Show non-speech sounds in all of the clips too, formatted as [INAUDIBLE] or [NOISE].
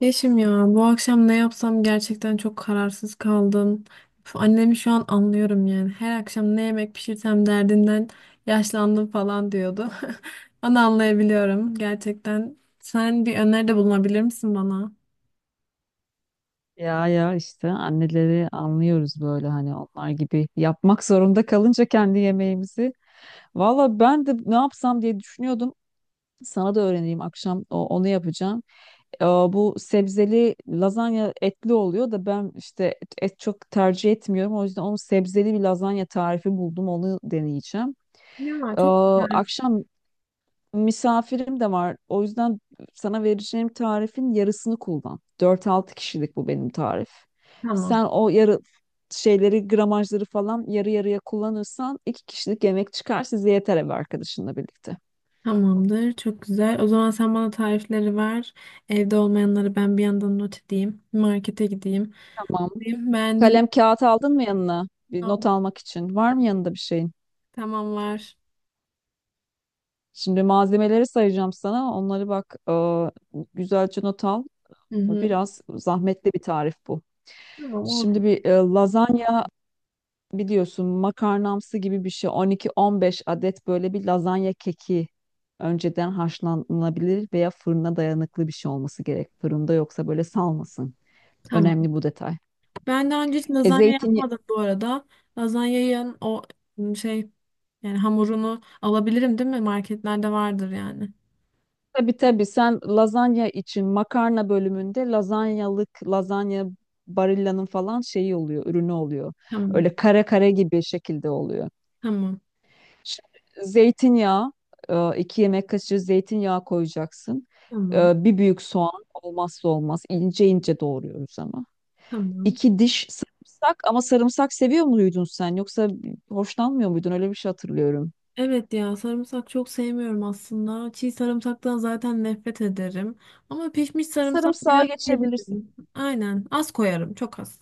Yeşim ya, bu akşam ne yapsam gerçekten çok kararsız kaldım. Annemi şu an anlıyorum yani. Her akşam ne yemek pişirsem derdinden yaşlandım falan diyordu. [LAUGHS] Onu anlayabiliyorum gerçekten. Sen bir öneride bulunabilir misin bana? Ya işte anneleri anlıyoruz böyle hani onlar gibi yapmak zorunda kalınca kendi yemeğimizi. Valla ben de ne yapsam diye düşünüyordum. Sana da öğreneyim akşam onu yapacağım. Bu sebzeli lazanya etli oluyor da ben işte et çok tercih etmiyorum. O yüzden onun sebzeli bir lazanya tarifi buldum onu deneyeceğim. Ya, Ee, çok güzel. Akşam misafirim de var. O yüzden sana vereceğim tarifin yarısını kullan. Dört altı kişilik bu benim tarif. Tamam. Sen o yarı şeyleri, gramajları falan yarı yarıya kullanırsan iki kişilik yemek çıkar size yeter ev arkadaşınla birlikte. Tamamdır. Çok güzel. O zaman sen bana tarifleri ver. Evde olmayanları ben bir yandan not edeyim. Markete gideyim. Tamam. Beğendim. Kalem kağıt aldın mı yanına? Bir not almak için. Var mı yanında bir şeyin? Tamam, var. Şimdi malzemeleri sayacağım sana. Onları bak güzelce not al. Hı hı. Biraz zahmetli bir tarif bu. Tamam, Şimdi olsun. bir lazanya biliyorsun makarnamsı gibi bir şey 12-15 adet böyle bir lazanya keki önceden haşlanabilir veya fırına dayanıklı bir şey olması gerek. Fırında yoksa böyle salmasın. Tamam. Önemli bu detay. Ben daha önce hiç E lazanya yapmadım zeytinyağı, bu arada. Lazanyanın o şey, yani hamurunu alabilirim değil mi? Marketlerde vardır yani. tabii sen lazanya için makarna bölümünde lazanyalık lazanya Barilla'nın falan şeyi oluyor, ürünü oluyor. Tamam. Öyle kare kare gibi şekilde oluyor. Tamam. Şimdi zeytinyağı, iki yemek kaşığı zeytinyağı koyacaksın. Tamam. Bir büyük soğan olmazsa olmaz. İnce ince doğruyoruz ama. Tamam. İki diş sarımsak ama sarımsak seviyor muydun sen? Yoksa hoşlanmıyor muydun? Öyle bir şey hatırlıyorum. Evet ya, sarımsak çok sevmiyorum aslında. Çiğ sarımsaktan zaten nefret ederim. Ama pişmiş sarımsak Sarımsağa biraz geçebilirsin. yiyebilirim. Aynen. Az koyarım. Çok az.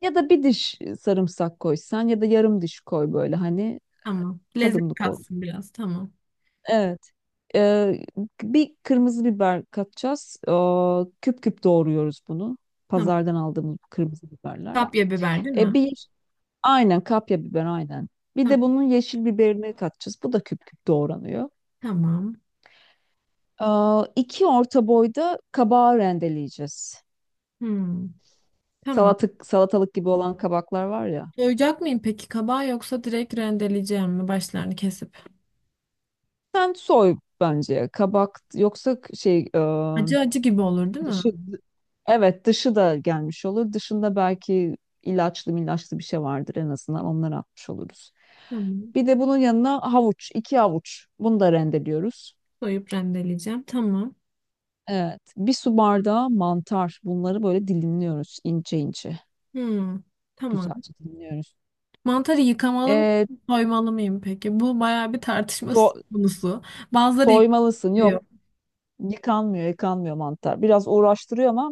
Ya da bir diş sarımsak koysan ya da yarım diş koy böyle hani Tamam. Lezzet tadımlık olsun. katsın biraz. Tamam. Evet. e, Bir kırmızı biber katacağız. Küp küp doğruyoruz bunu. Tamam. Pazardan aldığımız bu kırmızı biberler. Kapya biber değil mi? E bir yeş- aynen, kapya biber aynen. Bir de Tamam. bunun yeşil biberini katacağız. Bu da küp küp doğranıyor. Tamam. İki orta boyda kabağı rendeleyeceğiz. Hmm. Tamam. Salatalık gibi olan kabaklar var ya. Soyacak mıyım peki kabağı, yoksa direkt rendeleyeceğim mi başlarını kesip? Sen soy bence kabak yoksa Acı acı gibi olur değil mi? dışı, evet, dışı da gelmiş olur. Dışında belki ilaçlı bir şey vardır en azından onları atmış oluruz. Tamam. Bir de bunun yanına havuç, iki havuç. Bunu da rendeliyoruz. Soyup rendeleyeceğim. Tamam. Evet. Bir su bardağı mantar. Bunları böyle dilimliyoruz ince ince. Hmm. Tamam. Güzelce dilimliyoruz. Mantarı yıkamalı mı, Ee, soymalı mıyım peki? Bu bayağı bir tartışma so- konusu. Bazıları Soymalısın. Yok. yıkıyor. Yıkanmıyor mantar. Biraz uğraştırıyor ama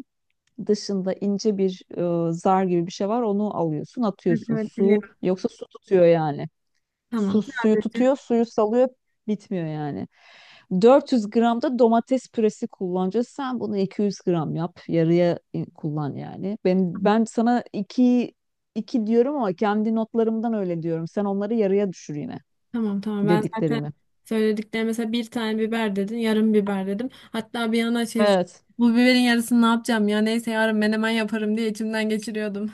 dışında ince bir zar gibi bir şey var. Onu alıyorsun, Evet, atıyorsun. evet, Su biliyorum. yoksa su tutuyor yani. Tamam. Suyu Sadece. tutuyor, suyu salıyor, bitmiyor yani. 400 gram da domates püresi kullanacağız. Sen bunu 200 gram yap, kullan yani. Ben Tamam ben sana iki diyorum ama kendi notlarımdan öyle diyorum. Sen onları yarıya düşür yine tamam tamam. Ben zaten dediklerimi. söylediklerim, mesela bir tane biber dedin, yarım biber dedim. Hatta bir yana şey, Evet. bu biberin yarısını ne yapacağım ya, neyse yarın menemen yaparım diye içimden geçiriyordum.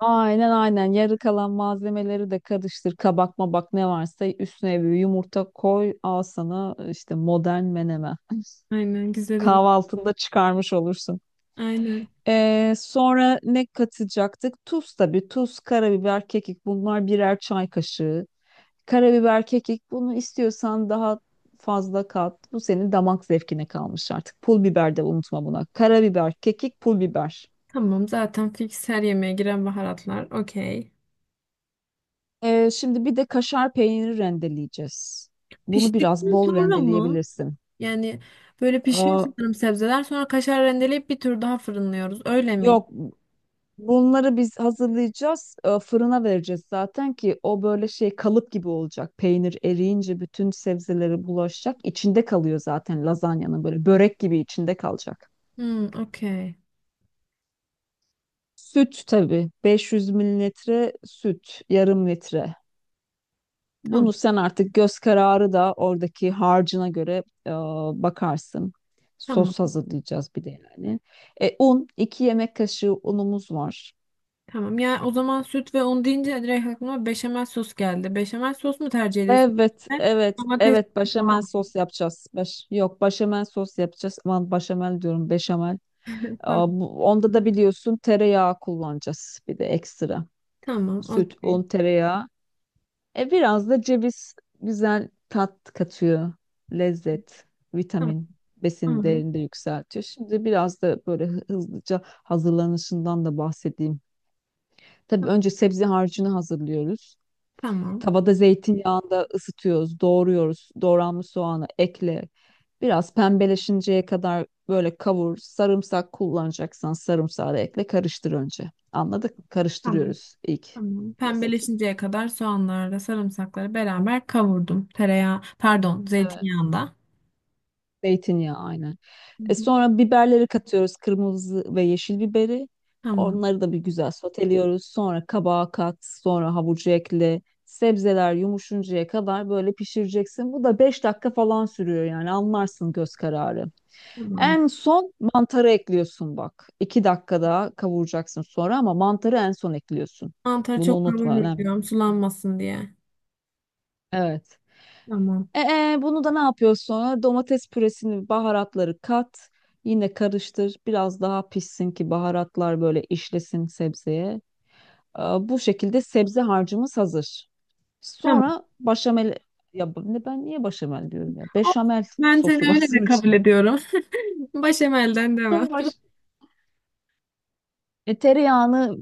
Aynen. Yarı kalan malzemeleri de karıştır. Kabak mabak ne varsa üstüne bir yumurta koy. Al sana işte modern menemen. [LAUGHS] Aynen, güzel olur. Kahvaltında çıkarmış olursun. Aynen. Sonra ne katacaktık? Tuz tabii. Tuz, karabiber, kekik bunlar birer çay kaşığı. Karabiber, kekik bunu istiyorsan daha fazla kat. Bu senin damak zevkine kalmış artık. Pul biber de unutma buna. Karabiber, kekik, pul biber. Tamam, zaten fix her yemeğe giren baharatlar. Okey. Şimdi bir de kaşar peyniri rendeleyeceğiz. Bunu biraz Piştikten bol sonra mı? rendeleyebilirsin. Yani böyle pişiyor Aa, sanırım sebzeler. Sonra kaşar rendeleyip bir tur daha fırınlıyoruz. Öyle miydi? Yok, bunları biz hazırlayacağız, fırına vereceğiz zaten ki o böyle şey kalıp gibi olacak. Peynir eriyince bütün sebzeleri bulaşacak. İçinde kalıyor zaten lazanyanın böyle börek gibi içinde kalacak. Hmm, okey. Süt tabii 500 mililitre süt, yarım litre. Tamam. Bunu sen artık göz kararı da oradaki harcına göre bakarsın. Tamam. Sos hazırlayacağız bir de yani. Un, 2 yemek kaşığı unumuz var. Tamam. Ya o zaman süt ve un deyince direkt aklıma beşamel sos geldi. Beşamel sos mu tercih ediyorsun? Evet, Ben evet, domates evet. Başamel falan. sos yapacağız. Baş, yok, başamel sos yapacağız. Aman başamel diyorum, beşamel. Tamam. Onda da biliyorsun tereyağı kullanacağız. Bir de ekstra. Tamam. Süt, un, Okey. tereyağı. E biraz da ceviz güzel tat katıyor. Lezzet, Tamam. vitamin, besin Tamam. değerini de yükseltiyor. Şimdi biraz da böyle hızlıca hazırlanışından da bahsedeyim. Tabii önce sebze harcını hazırlıyoruz. Tamam. Tavada zeytinyağında ısıtıyoruz, doğruyoruz. Doğranmış soğanı ekle. Biraz pembeleşinceye kadar böyle kavur. Sarımsak kullanacaksan sarımsağı da ekle. Karıştır önce. Anladık mı? Tamam. Karıştırıyoruz ilk. Tamam. Klasik. Pembeleşinceye kadar soğanlarla sarımsakları beraber kavurdum. Tereyağı, pardon, Evet. zeytinyağında. Zeytinyağı aynen. Hı E hı. sonra biberleri katıyoruz. Kırmızı ve yeşil biberi. Tamam. Onları da bir güzel soteliyoruz. Sonra kabağa kat, sonra havucu ekle. Sebzeler yumuşuncaya kadar böyle pişireceksin. Bu da 5 dakika falan sürüyor yani anlarsın göz kararı. Tamam. En son mantarı ekliyorsun bak. İki dakika daha kavuracaksın sonra ama mantarı en son ekliyorsun. Mantarı Bunu çok unutma önemli. kavurmayacağım sulanmasın diye. Evet. Tamam. Bunu da ne yapıyorsun sonra? Domates püresini, baharatları kat. Yine karıştır. Biraz daha pişsin ki baharatlar böyle işlesin sebzeye. Bu şekilde sebze harcımız hazır. Tamam. Sonra başamel... Ne ben niye başamel diyorum ya? Of, Beşamel ben seni sosu öyle lazım de kabul için. ediyorum. [LAUGHS] Başemelden devam. [LAUGHS] Hı Baş... Tereyağını,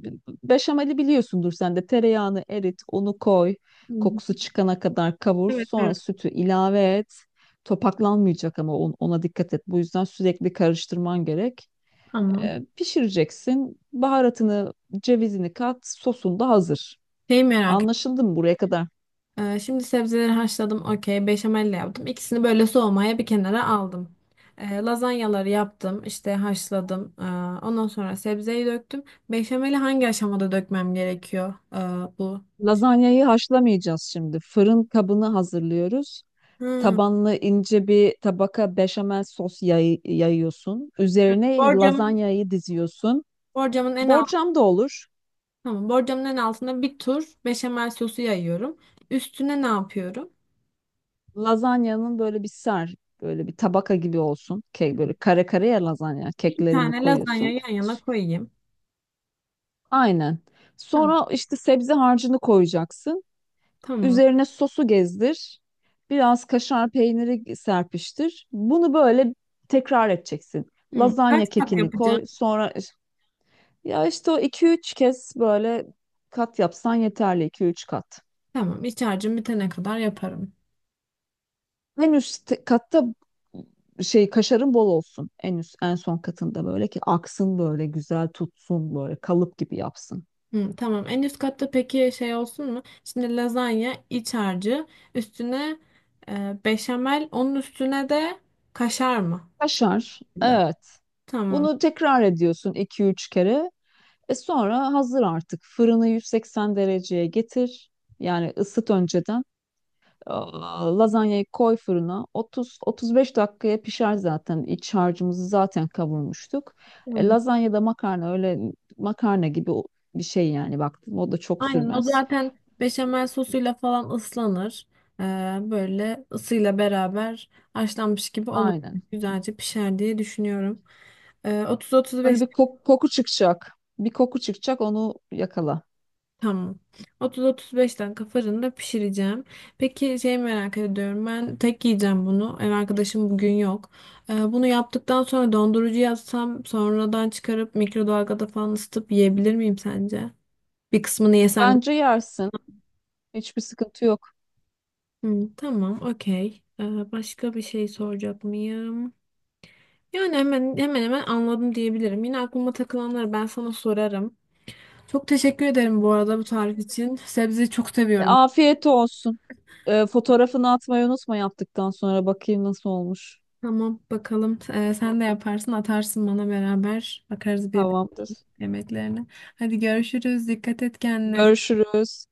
beşameli biliyorsundur sen de. Tereyağını erit, onu koy. hı. Kokusu çıkana kadar kavur. Evet, Sonra evet. sütü ilave et. Topaklanmayacak ama ona dikkat et. Bu yüzden sürekli karıştırman gerek. Tamam. Pişireceksin. Baharatını, cevizini kat. Sosun da hazır. Şeyi merak Anlaşıldı mı buraya kadar? Şimdi sebzeleri haşladım. Okey. Beşamelle yaptım. İkisini böyle soğumaya bir kenara aldım. Lazanyaları yaptım, işte haşladım. Ondan sonra sebzeyi döktüm. Beşameli hangi aşamada dökmem gerekiyor? Bu. Lazanyayı haşlamayacağız şimdi. Fırın kabını hazırlıyoruz. Hmm. Tabanlı ince bir tabaka beşamel sos yayıyorsun. Üzerine Borcamın, lazanyayı diziyorsun. borcamın en altı, Borcam da olur. tamam. Borcamın en altına bir tur beşamel sosu yayıyorum. Üstüne ne yapıyorum? Lazanyanın böyle bir ser, Böyle bir tabaka gibi olsun. Kek böyle kare kare ya lazanya. İki Keklerini tane lazanya koyuyorsun. yan yana S- koyayım. Aynen. Tamam. Sonra işte sebze harcını koyacaksın. Tamam. Üzerine sosu gezdir. Biraz kaşar peyniri serpiştir. Bunu böyle tekrar edeceksin. Hmm. Kaç Lazanya kat kekini yapacağım? koy. Sonra ya işte o iki üç kez böyle kat yapsan yeterli iki üç kat. Tamam. İç harcım bitene kadar yaparım. Katta şey kaşarın bol olsun. En üst en son katında böyle ki aksın böyle güzel tutsun böyle kalıp gibi yapsın. Hı, tamam. En üst katta peki şey olsun mu? Şimdi lazanya iç harcı, üstüne beşamel, onun üstüne de kaşar mı? Kaşar. Dedim. Evet. Tamam. Bunu tekrar ediyorsun iki üç kere. E sonra hazır artık. Fırını 180 dereceye getir. Yani ısıt önceden. Lazanyayı koy fırına. 30-35 dakikaya pişer zaten. İç harcımızı zaten kavurmuştuk. Hı hı. Lazanya da makarna öyle makarna gibi bir şey yani baktım. O da çok Aynen, o sürmez. zaten beşamel sosuyla falan ıslanır. E, böyle ısıyla beraber haşlanmış gibi olur. Aynen. Güzelce pişer diye düşünüyorum. E, 30-35 Böyle bir koku çıkacak. Bir koku çıkacak onu yakala. Tamam. 30-35 dakika fırında pişireceğim. Peki şey merak ediyorum. Ben tek yiyeceğim bunu. Ev arkadaşım bugün yok. Bunu yaptıktan sonra dondurucuya atsam, sonradan çıkarıp mikrodalgada falan ısıtıp yiyebilir miyim sence? Bir kısmını yesem. Bence yersin. Hiçbir sıkıntı yok. Hı, tamam, okey. Başka bir şey soracak mıyım? Yani hemen hemen anladım diyebilirim. Yine aklıma takılanları ben sana sorarım. Çok teşekkür ederim bu arada bu tarif için. Sebzeyi çok seviyorum. Afiyet olsun. Fotoğrafını atmayı unutma yaptıktan sonra bakayım nasıl olmuş. Tamam, bakalım. Sen de yaparsın, atarsın bana, beraber bakarız birbirine Tamamdır. yemeklerine. Hadi görüşürüz. Dikkat et kendine. Görüşürüz.